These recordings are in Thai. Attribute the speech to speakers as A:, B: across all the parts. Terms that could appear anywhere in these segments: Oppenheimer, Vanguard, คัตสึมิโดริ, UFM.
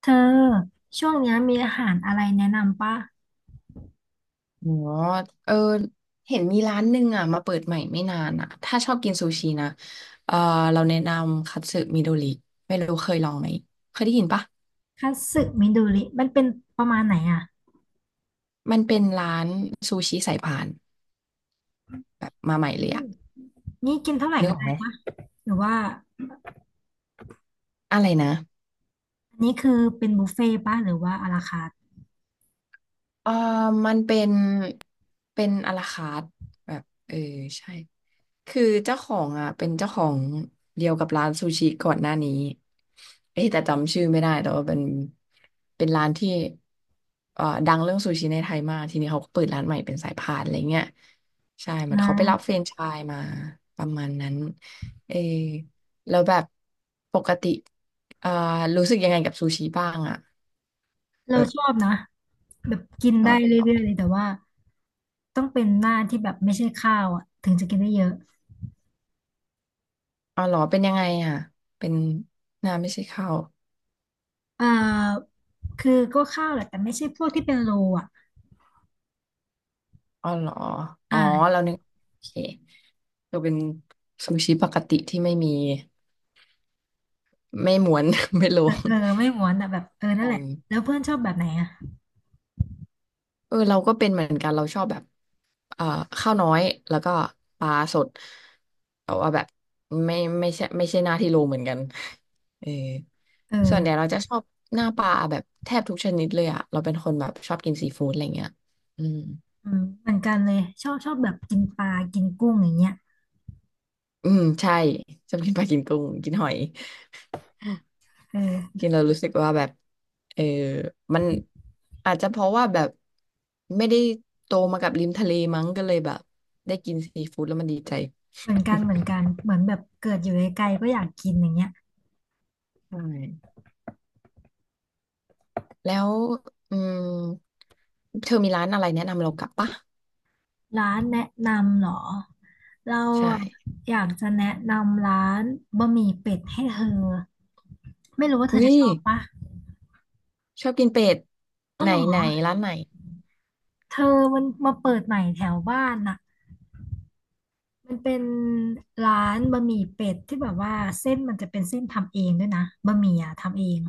A: เธอช่วงเนี้ยมีอาหารอะไรแนะนำปะ
B: อ๋อเออเห็นมีร้านหนึ่งอ่ะมาเปิดใหม่ไม่นานอ่ะถ้าชอบกินซูชินะเออเราแนะนำคัตสึมิโดริไม่รู้เคยลองไหม เคยได้ยินปะ
A: คัตสึมิดูริมันเป็นประมาณไหนอ่ะ
B: มันเป็นร้านซูชิสายพานแบบมาให
A: อ
B: ม่เลย
A: ื
B: อ่ะ
A: มนี่กินเท่าไหร่
B: นึก
A: ก็
B: ออก
A: ได้
B: ไหม
A: ป่ะหรือว่า
B: อะไรนะ
A: อันนี้คือเป็นบุฟเฟ่ต์ป่ะหรือว่าอาราคาร์ท
B: เออมันเป็น เป็นอะลาคาร์ทแบบใช่ คือเจ้าของอ่ะเป็นเจ้าของเดียวกับร้านซูชิก่อนหน้านี้เอ้ยแต่จำชื่อไม่ได้แต่ว่าเป็นเป็นร้านที่ดังเรื่องซูชิในไทยมากทีนี้เขาก็เปิดร้านใหม่เป็นสายพานอะไรเงี้ยใช่เหมือน
A: อ่า
B: เขาไปรับแฟรนไชส์มาประมาณนั้นเออแล้วแบบปกติเอ่อรู้สึกยังไงกับซูชิบ้างอ่ะ
A: เรา
B: แบบ
A: ชอบนะแบบกิน
B: ชอ
A: ได้
B: บเลยเหรอ
A: เรื่อยๆเลยแต่ว่าต้องเป็นหน้าที่แบบไม่ใช่ข้าวอ่ะถึงจะกินได้เยอะ
B: อ๋อเหรอเป็นยังไงอ่ะเป็นน้ำไม่ใช่ข้าว
A: เอ่อคือก็ข้าวแหละแต่ไม่ใช่พวกที่เป็นโลอ่ะ
B: อ๋อเหรอ อ๋อเรา
A: อ่า
B: นึกโอเคก็เป็นซูชิปกติที่ไม่มีไม่ม้วน ไม่โล
A: เออ
B: ง
A: เออไม่หวานอ่ะแบบเออนั่
B: กั
A: นแหละ
B: น
A: แล้วเพื่อนชอบแบบไหนอ่ะ
B: เออเราก็เป็นเหมือนกันเราชอบแบบเอ่อข้าวน้อยแล้วก็ปลาสดแต่ว่าแบบไม่ไม่ใช่หน้าที่โลเหมือนกันเออ
A: เอ
B: ส่
A: อ
B: วนใหญ่เราจะชอบหน้าปลาแบบแทบทุกชนิดเลยอะเราเป็นคนแบบชอบกินซีฟู้ดอะไรเงี้ยอืม
A: อืมเหมือนกันเลยชอบแบบกินปลากินกุ้งอย่างเงี้ย
B: ใช่ชอบกินปลากินกุ้งกินหอย
A: เอ
B: กิ
A: อ
B: นแล้วรู้สึกว่าแบบเออมันอาจจะเพราะว่าแบบไม่ได้โตมากับริมทะเลมั้งก็เลยแบบได้กินซีฟู้ดแล้วมันดีใจ
A: เหมือนกันเหมือนกัน เหมือนแบบเกิดอยู่ไกลๆก็อยากกินอย่างเงี้ย
B: ใช่แล้วอืมเธอมีร้านอะไรแนะนำเรากลับปะ
A: ร้านแนะนำเหรอ เรา
B: ใช่
A: อะอยากจะแนะนำร้านบะหมี่เป็ดให้เธอไม่รู้ว่าเธอจะ
B: วิ
A: ชอบปะ
B: ชอบกินเป็ด
A: อ๋อ
B: ไหน
A: เหรอ
B: ไหนร้านไหน
A: เธอมันมาเปิดใหม่แถวบ้านน่ะมันเป็นร้านบะหมี่เป็ดที่แบบว่าเส้นมันจะเป็นเส้นทำเองด้วยนะบะหมี่อะทำเอง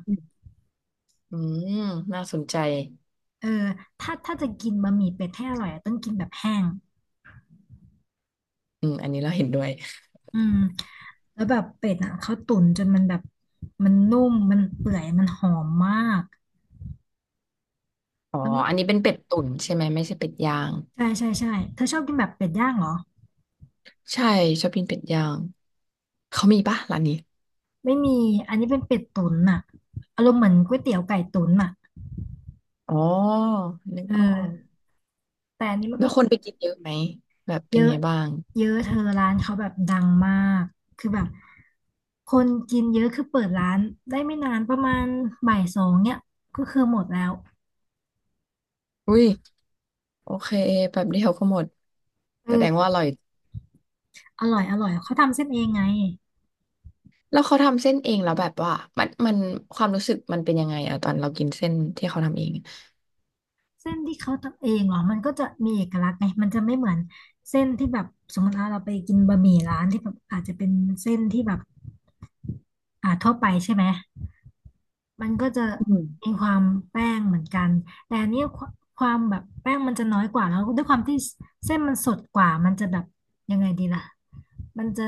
B: อืมน่าสนใจ
A: เออถ้าจะกินบะหมี่เป็ดให้อร่อยอะต้องกินแบบแห้ง
B: อืมอันนี้เราเห็นด้วย
A: อืมแล้วแบบเป็ดอ่ะเขาตุ๋นจนมันแบบมันนุ่มมันเปื่อยมันหอมมาก
B: อ๋อ
A: แล้
B: อัน
A: ว
B: นี้เป็นเป็ดตุ๋นใช่ไหมไม่ใช่เป็ดย่าง
A: ใช่ใช่ใช่เธอชอบกินแบบเป็ดย่างเหรอ
B: ใช่ชอบกินเป็ดย่างเขามีปะร้านนี้
A: ไม่มีอันนี้เป็นเป็ดตุ๋นอ่ะอารมณ์เหมือนก๋วยเตี๋ยวไก่ตุ๋นอ่ะ
B: อ๋อนึก
A: เอ
B: ออก
A: อแต่อันนี้มัน
B: แล้
A: ก็
B: วคนไปกินเยอะไหมแบบเป็
A: เย
B: น
A: อะ
B: ไงบ้าง
A: เยอะเธอร้านเขาแบบดังมากคือแบบคนกินเยอะคือเปิดร้านได้ไม่นานประมาณบ่ายสองเนี่ยก็คือหมดแล้ว
B: อุ้ยโอเคแบบเดียวก็หมดแสดง
A: เออ
B: ว่าอร่อย
A: อร่อยอร่อยเขาทำเส้นเองไง
B: แล้วเขาทำเส้นเองแล้วแบบว่ามันความรู้สึกมันเป็นยังไงอะตอนเรากินเส้นที่เขาทำเอง
A: เส้นที่เขาทำเองเหรอมันก็จะมีเอกลักษณ์ไงมันจะไม่เหมือนเส้นที่แบบสมมติว่าเราไปกินบะหมี่ร้านที่แบบอาจจะเป็นเส้นที่แบบทั่วไปใช่ไหมมันก็จะ
B: อื
A: มี
B: ม
A: ความแป้งเหมือนกันแต่อันนี้ความแบบแป้งมันจะน้อยกว่าแล้วด้วยความที่เส้นมันสดกว่ามันจะแบบยังไงดีล่ะมันจะ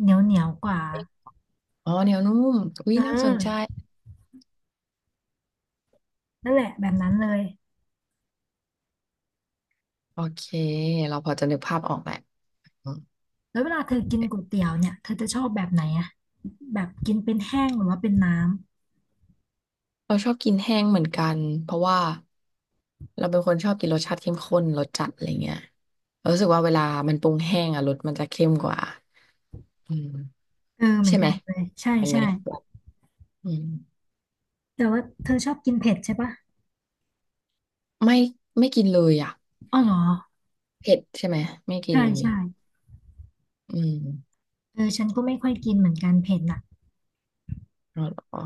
A: เหนียวกว่า
B: อ๋อเหนียวนุ่มอุ้ย
A: เอ
B: น่าสนใจ
A: อนั่นแหละแบบนั้นเลย
B: โอเคเราพอจะนึกภาพออกแหละอืม
A: แล้วเวลาเธอกินก๋วยเตี๋ยวเนี่ย เธอจะชอบแบบไหนอะแบบกินเป็นแห้งหรือว่าเป็นน้ำ
B: เราชอบกินแห้งเหมือนกันเพราะว่าเราเป็นคนชอบกินรสชาติเข้มข้นรสจัดอะไรเงี้ยเรารู้สึกว่าเวลามันปรุงแห้งอะรสมันจะเข้มกว่าอืม
A: เออเหมือ
B: ใช่
A: น
B: ไห
A: กั
B: ม
A: นเลยใช่
B: เป็นไหม
A: ใช่
B: อืม
A: แต่ว่าเธอชอบกินเผ็ดใช่ปะ
B: ไม่กินเลยอ่ะ
A: อ๋อเหรอ
B: เผ็ดใช่ไหมไม่กิน
A: ใช่
B: เลย
A: ใช่
B: อืม
A: เออฉันก็ไม่ค่อยกินเหมือนกันเผ็ดน่ะ
B: อ๋อเหรอ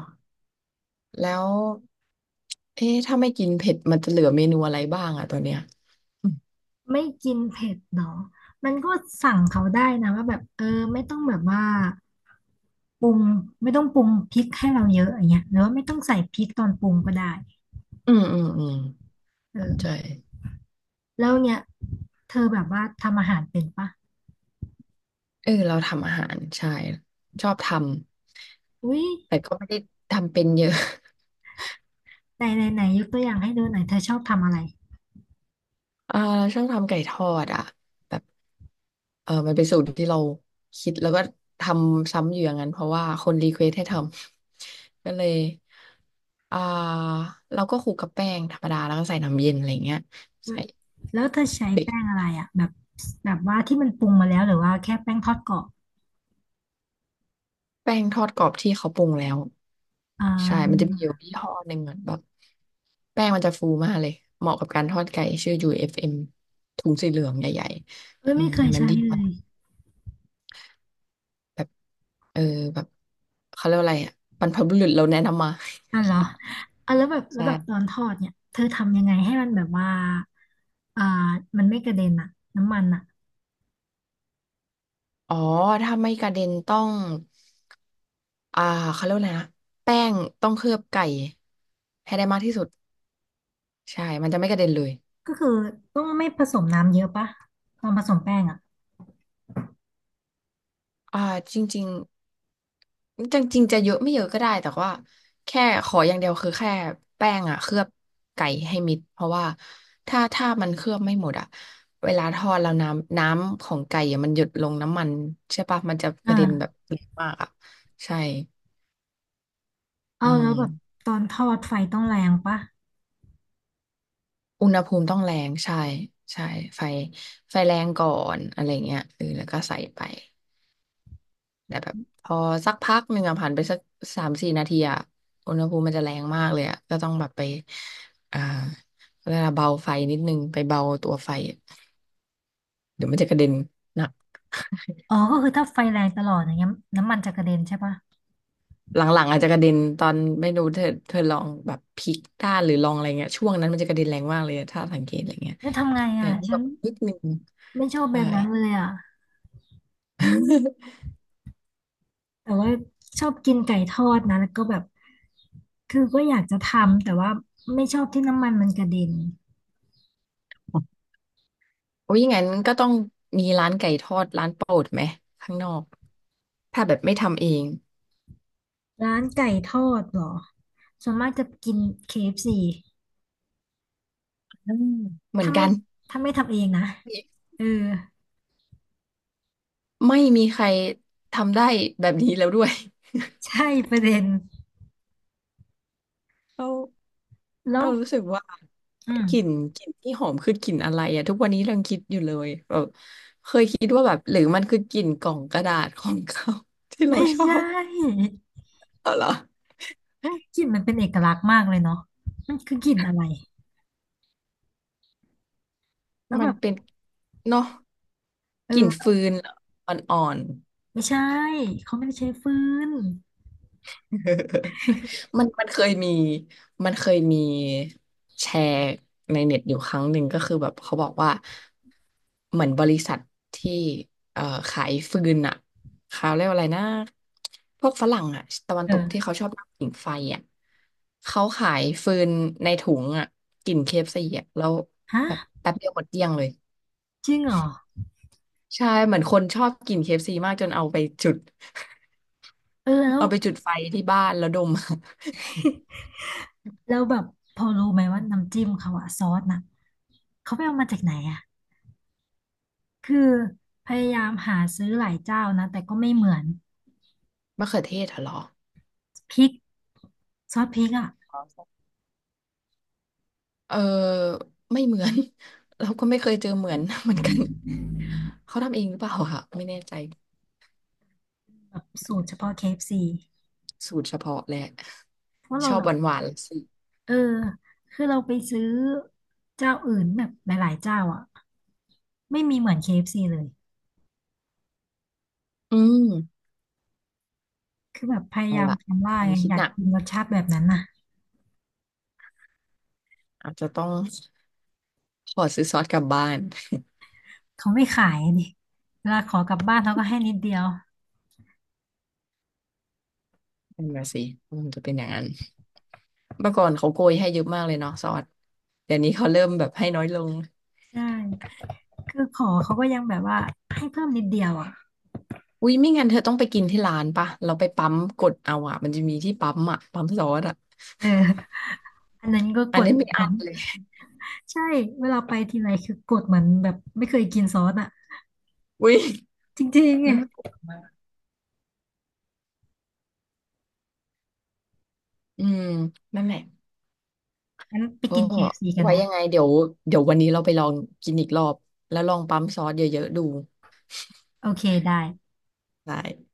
B: แล้วเอ๊ะถ้าไม่กินเผ็ดมันจะเหลือเมนูอะไรบ้างอ่ะตอนเนี้ยอืม
A: ไม่กินเผ็ดเหรอ มันก็สั่งเขาได้นะว่าแบบเออไม่ต้องแบบว่าปรุงไม่ต้องปรุงพริกให้เราเยอะอย่างเงี้ยหรือว่าไม่ต้องใส่พริกตอนปรุงก็ได้
B: อืมใช่
A: เออแล้วเนี่ยเธอแบบว่าทำอาหารเป็นปะ
B: เออเราทำอาหารใช่ชอบทำ
A: อุ้ย
B: แต่ก็ไม่ได้ทำเป็นเยอะ
A: ไหนไหนไหนยกตัวอย่างให้ดูหน่อยเธอชอบทำอะไร
B: อ่าเราชอบทำไก่ทอดอ่ะแบบ เออมันเป็นสูตรที่เราคิดแล้วก็ทำซ้ำอยู่อย่างนั้นเพราะว่าคนรีเควสให้ทำ ก็เลยอ่าเราก็คลุกกับแป้งธรรมดาแล้วก็ใส่น้ำเย็นอะไรเงี้ยใส่
A: แล้วเธอใช้
B: เบก
A: แป้งอะไรอ่ะแบบแบบว่าที่มันปรุงมาแล้วหรือว่าแค่แป้งทอดกรอบ
B: แป้งทอดกรอบที่เขาปรุงแล้ว
A: อ่
B: ใช่มันจะ
A: า
B: มีอยู่ยี่ห้อหนึ่งเหมือนแบบแป้งมันจะฟูมากเลยเหมาะกับการทอดไก่ชื่อ UFM ถุงสีเหลืองใหญ่
A: เอ้ย
B: ๆอื
A: ไม่
B: ม
A: เค
B: อั
A: ย
B: นนั้น
A: ใช้
B: ดี
A: เล
B: มาก
A: ย
B: แบบเออแบบเขาเรียกว่าอะไรอ่ะบรรพบุรุษเราแนะนำมา
A: อ่ะเหรออ่ะแล้วแบบ แล้วแบบตอน
B: ใช่
A: ทอดเนี่ยเธอทำยังไงให้มันแบบว่าอ่ามันไม่กระเด็นอะน้ำมันอะ
B: อ๋อถ้าไม่กระเด็นต้องอ่าเขาเรียกว่าอะไรนะแป้งต้องเคลือบไก่ให้ได้มากที่สุดใช่มันจะไม่กระเด็นเลย
A: ก็คือต้องไม่ผสมน้ำเยอะปะตอนผสมแป้งอะ
B: อ่าจริงๆจริงๆจะเยอะไม่เยอะก็ได้แต่ว่าแค่ขออย่างเดียวคือแค่แป้งอ่ะเคลือบไก่ให้มิดเพราะว่าถ้ามันเคลือบไม่หมดอ่ะเวลาทอดแล้วน้ำของไก่อะมันหยดลงน้ำมันใช่ปะมันจะกระเด็นแบบ
A: อ่า
B: เยอะมากอ่ะใช่
A: เอา
B: อื
A: แล้วแบบ
B: ม
A: ตอนทอดไฟต้องแรงปะ
B: อุณหภูมิต้องแรงใช่ใช่ไฟไฟแรงก่อนอะไรเงี้ยเออแล้วก็ใส่ไปแต่แบบพอสักพักหนึ่งอะผ่านไปสักสามสี่นาทีอะอุณหภูมิมันจะแรงมากเลยอะก็ต้องแบบไปอ่าเวลาเบาไฟนิดนึงไปเบาตัวไฟอะเดี๋ยวมันจะกระเด็นหนัก
A: อ๋อก็คือถ้าไฟแรงตลอดอย่างเงี้ยน้ำมันจะกระเด็นใช่ปะ
B: หลังๆอาจจะกระเด็นตอนไม่รู้เธอลองแบบพลิกด้านหรือลองอะไรเงี้ยช่วงนั้นมันจะกระเด็นแรงมากเลยถ้าสังเกตอะไรเงี้ย
A: แล้วทำไง
B: แต่
A: อะฉั
B: แบ
A: น
B: บนิดนึง
A: ไม่ชอบแบ
B: ใช่
A: บนั้นเลยอะ แต่ว่าชอบกินไก่ทอดนะแล้วก็แบบคือก็อยากจะทำแต่ว่าไม่ชอบที่น้ำมันมันกระเด็น
B: โอ้ยงั้นก็ต้องมีร้านไก่ทอดร้านโปรดไหมข้างนอกถ้าแบบไม่ทำเอง
A: ร้านไก่ทอดเหรอส่วนมากจะกิน KFC
B: อืมเหมือ
A: ถ้า
B: นกั
A: ไม่
B: น
A: ถ้าไม่ทำเองนะเออ
B: ไม่มีใครทำได้แบบนี้แล้วด้วย
A: ใช่ประเด็น
B: เรา
A: แล้ว
B: เรารู้สึกว่า
A: อืม
B: กลิ่นที่หอมคือกลิ่นอะไรอะทุกวันนี้เรายังคิดอยู่เลยแบบเคยคิดว่าแบบหรือมันคือกลิ่นกล่องกระดาษ ของเขา ที่เรา
A: ไม่
B: ชอ
A: ใช่
B: บเอาเหรอ
A: กลิ่นมันเป็นเอกลักษณ์มากเลยเนาะมันคือกลิ่นอะไร แล้ว
B: มั
A: แบ
B: น
A: บ
B: เป็นเนาะกลิ่น
A: เออ
B: ฟืนเหรออ่อน
A: ไม่ใช่เขาไม่ได้ใช้ฟืน
B: มันเคยมีมันเคยมีแชร์ในเน็ตอยู่ครั้งหนึ่งก็คือแบบเขาบอกว่าเหมือนบริษัทที่เอ่อขายฟืนอะเขาเรียกว่าอะไรนะพวกฝรั่งอะตะวันตกที่
A: เออ
B: เขาชอบนั่งผิงไฟอะเขาขายฟืนในถุงอะกลิ่นเคเอฟซีอะแล้ว
A: ฮะ
B: แบบแป๊บเดียวหมดเกลี้ยงเลย
A: จริงเหรอ
B: ใช่เหมือนคนชอบกินเคเอฟซีมากจนเอาไปจุด
A: เออแล้ว
B: ไฟที่บ้านแล้วดม
A: แล้วแบบพอรู้ไหมว่าน้ำจิ้มเขาอะซอสน่ะเขาไปเอามาจากไหนอะคือพยายามหาซื้อหลายเจ้านะ แต่ก็ไม่เหมือน
B: มะเขือเทศเหรอ
A: พริก ซอสพริกอ่ะ
B: เออไม่เหมือน เราก็ไม่เคยเจอเหมือน เหมือนกันเขาทำเองหรือเปล่าค่ะไม่แน่ใจ
A: แบบสูตรเฉพาะ KFC เอฟซี
B: สูตรเฉพาะแหละ
A: เพราะ
B: ช
A: เรา
B: อบ
A: แบ
B: ห
A: บ
B: วานหวานสิ
A: เออคือเราไปซื้อเจ้าอื่นแบบหลายๆเจ้าอ่ะไม่มีเหมือน KFC เอฟซีเลย
B: อืม
A: คือแบบพยา
B: เอา
A: ยาม
B: ละ
A: ทำว่า
B: อัน
A: ไง
B: นี้คิ
A: อ
B: ด
A: ยา
B: ห
A: ก
B: นัก
A: กินรสชาติแบบนั้นน่ะ
B: อาจจะต้องขอซื้อซอสกลับบ้าน
A: เขาไม่ขายดิเวลาขอกลับบ้านเขาก็ให้นิดเดียว
B: นั่นมาสิมันจะเป็นอย่างนั้นเมื่อก่อนเขาโกยให้เยอะมากเลยเนาะซอสเดี๋ยวนี้เขาเริ่มแบบให้น้อยลง
A: ใช่คือขอเขาก็ยังแบบว่าให้เพิ่มนิดเดียวอ่ะ
B: อุ้ยไม่งั้นเธอต้องไปกินที่ร้านปะเราไปปั๊มกดเอาอะมันจะมีที่ปั๊มอะปั๊มซอสอะ
A: เอออันนั้นก็
B: อั
A: ก
B: น
A: ด
B: นี้ไม่
A: แบ
B: อั
A: บ
B: ดเลย
A: ใช่เวลาไปทีไรคือกดเหมือนแบบไม่เคยกินซอสอ่ะ
B: อุ้ย
A: จริงๆไง
B: น่ากลัว อืมนั่นแหละ
A: งั้นไป
B: ก็
A: กิน KFC กัน
B: ไว้
A: ไหม
B: ยังไงเดี๋ยววันนี้เราไปลองกินอีกรอบแล้วลองปั๊มซอสเยอะๆดู
A: โอเคได้
B: ได้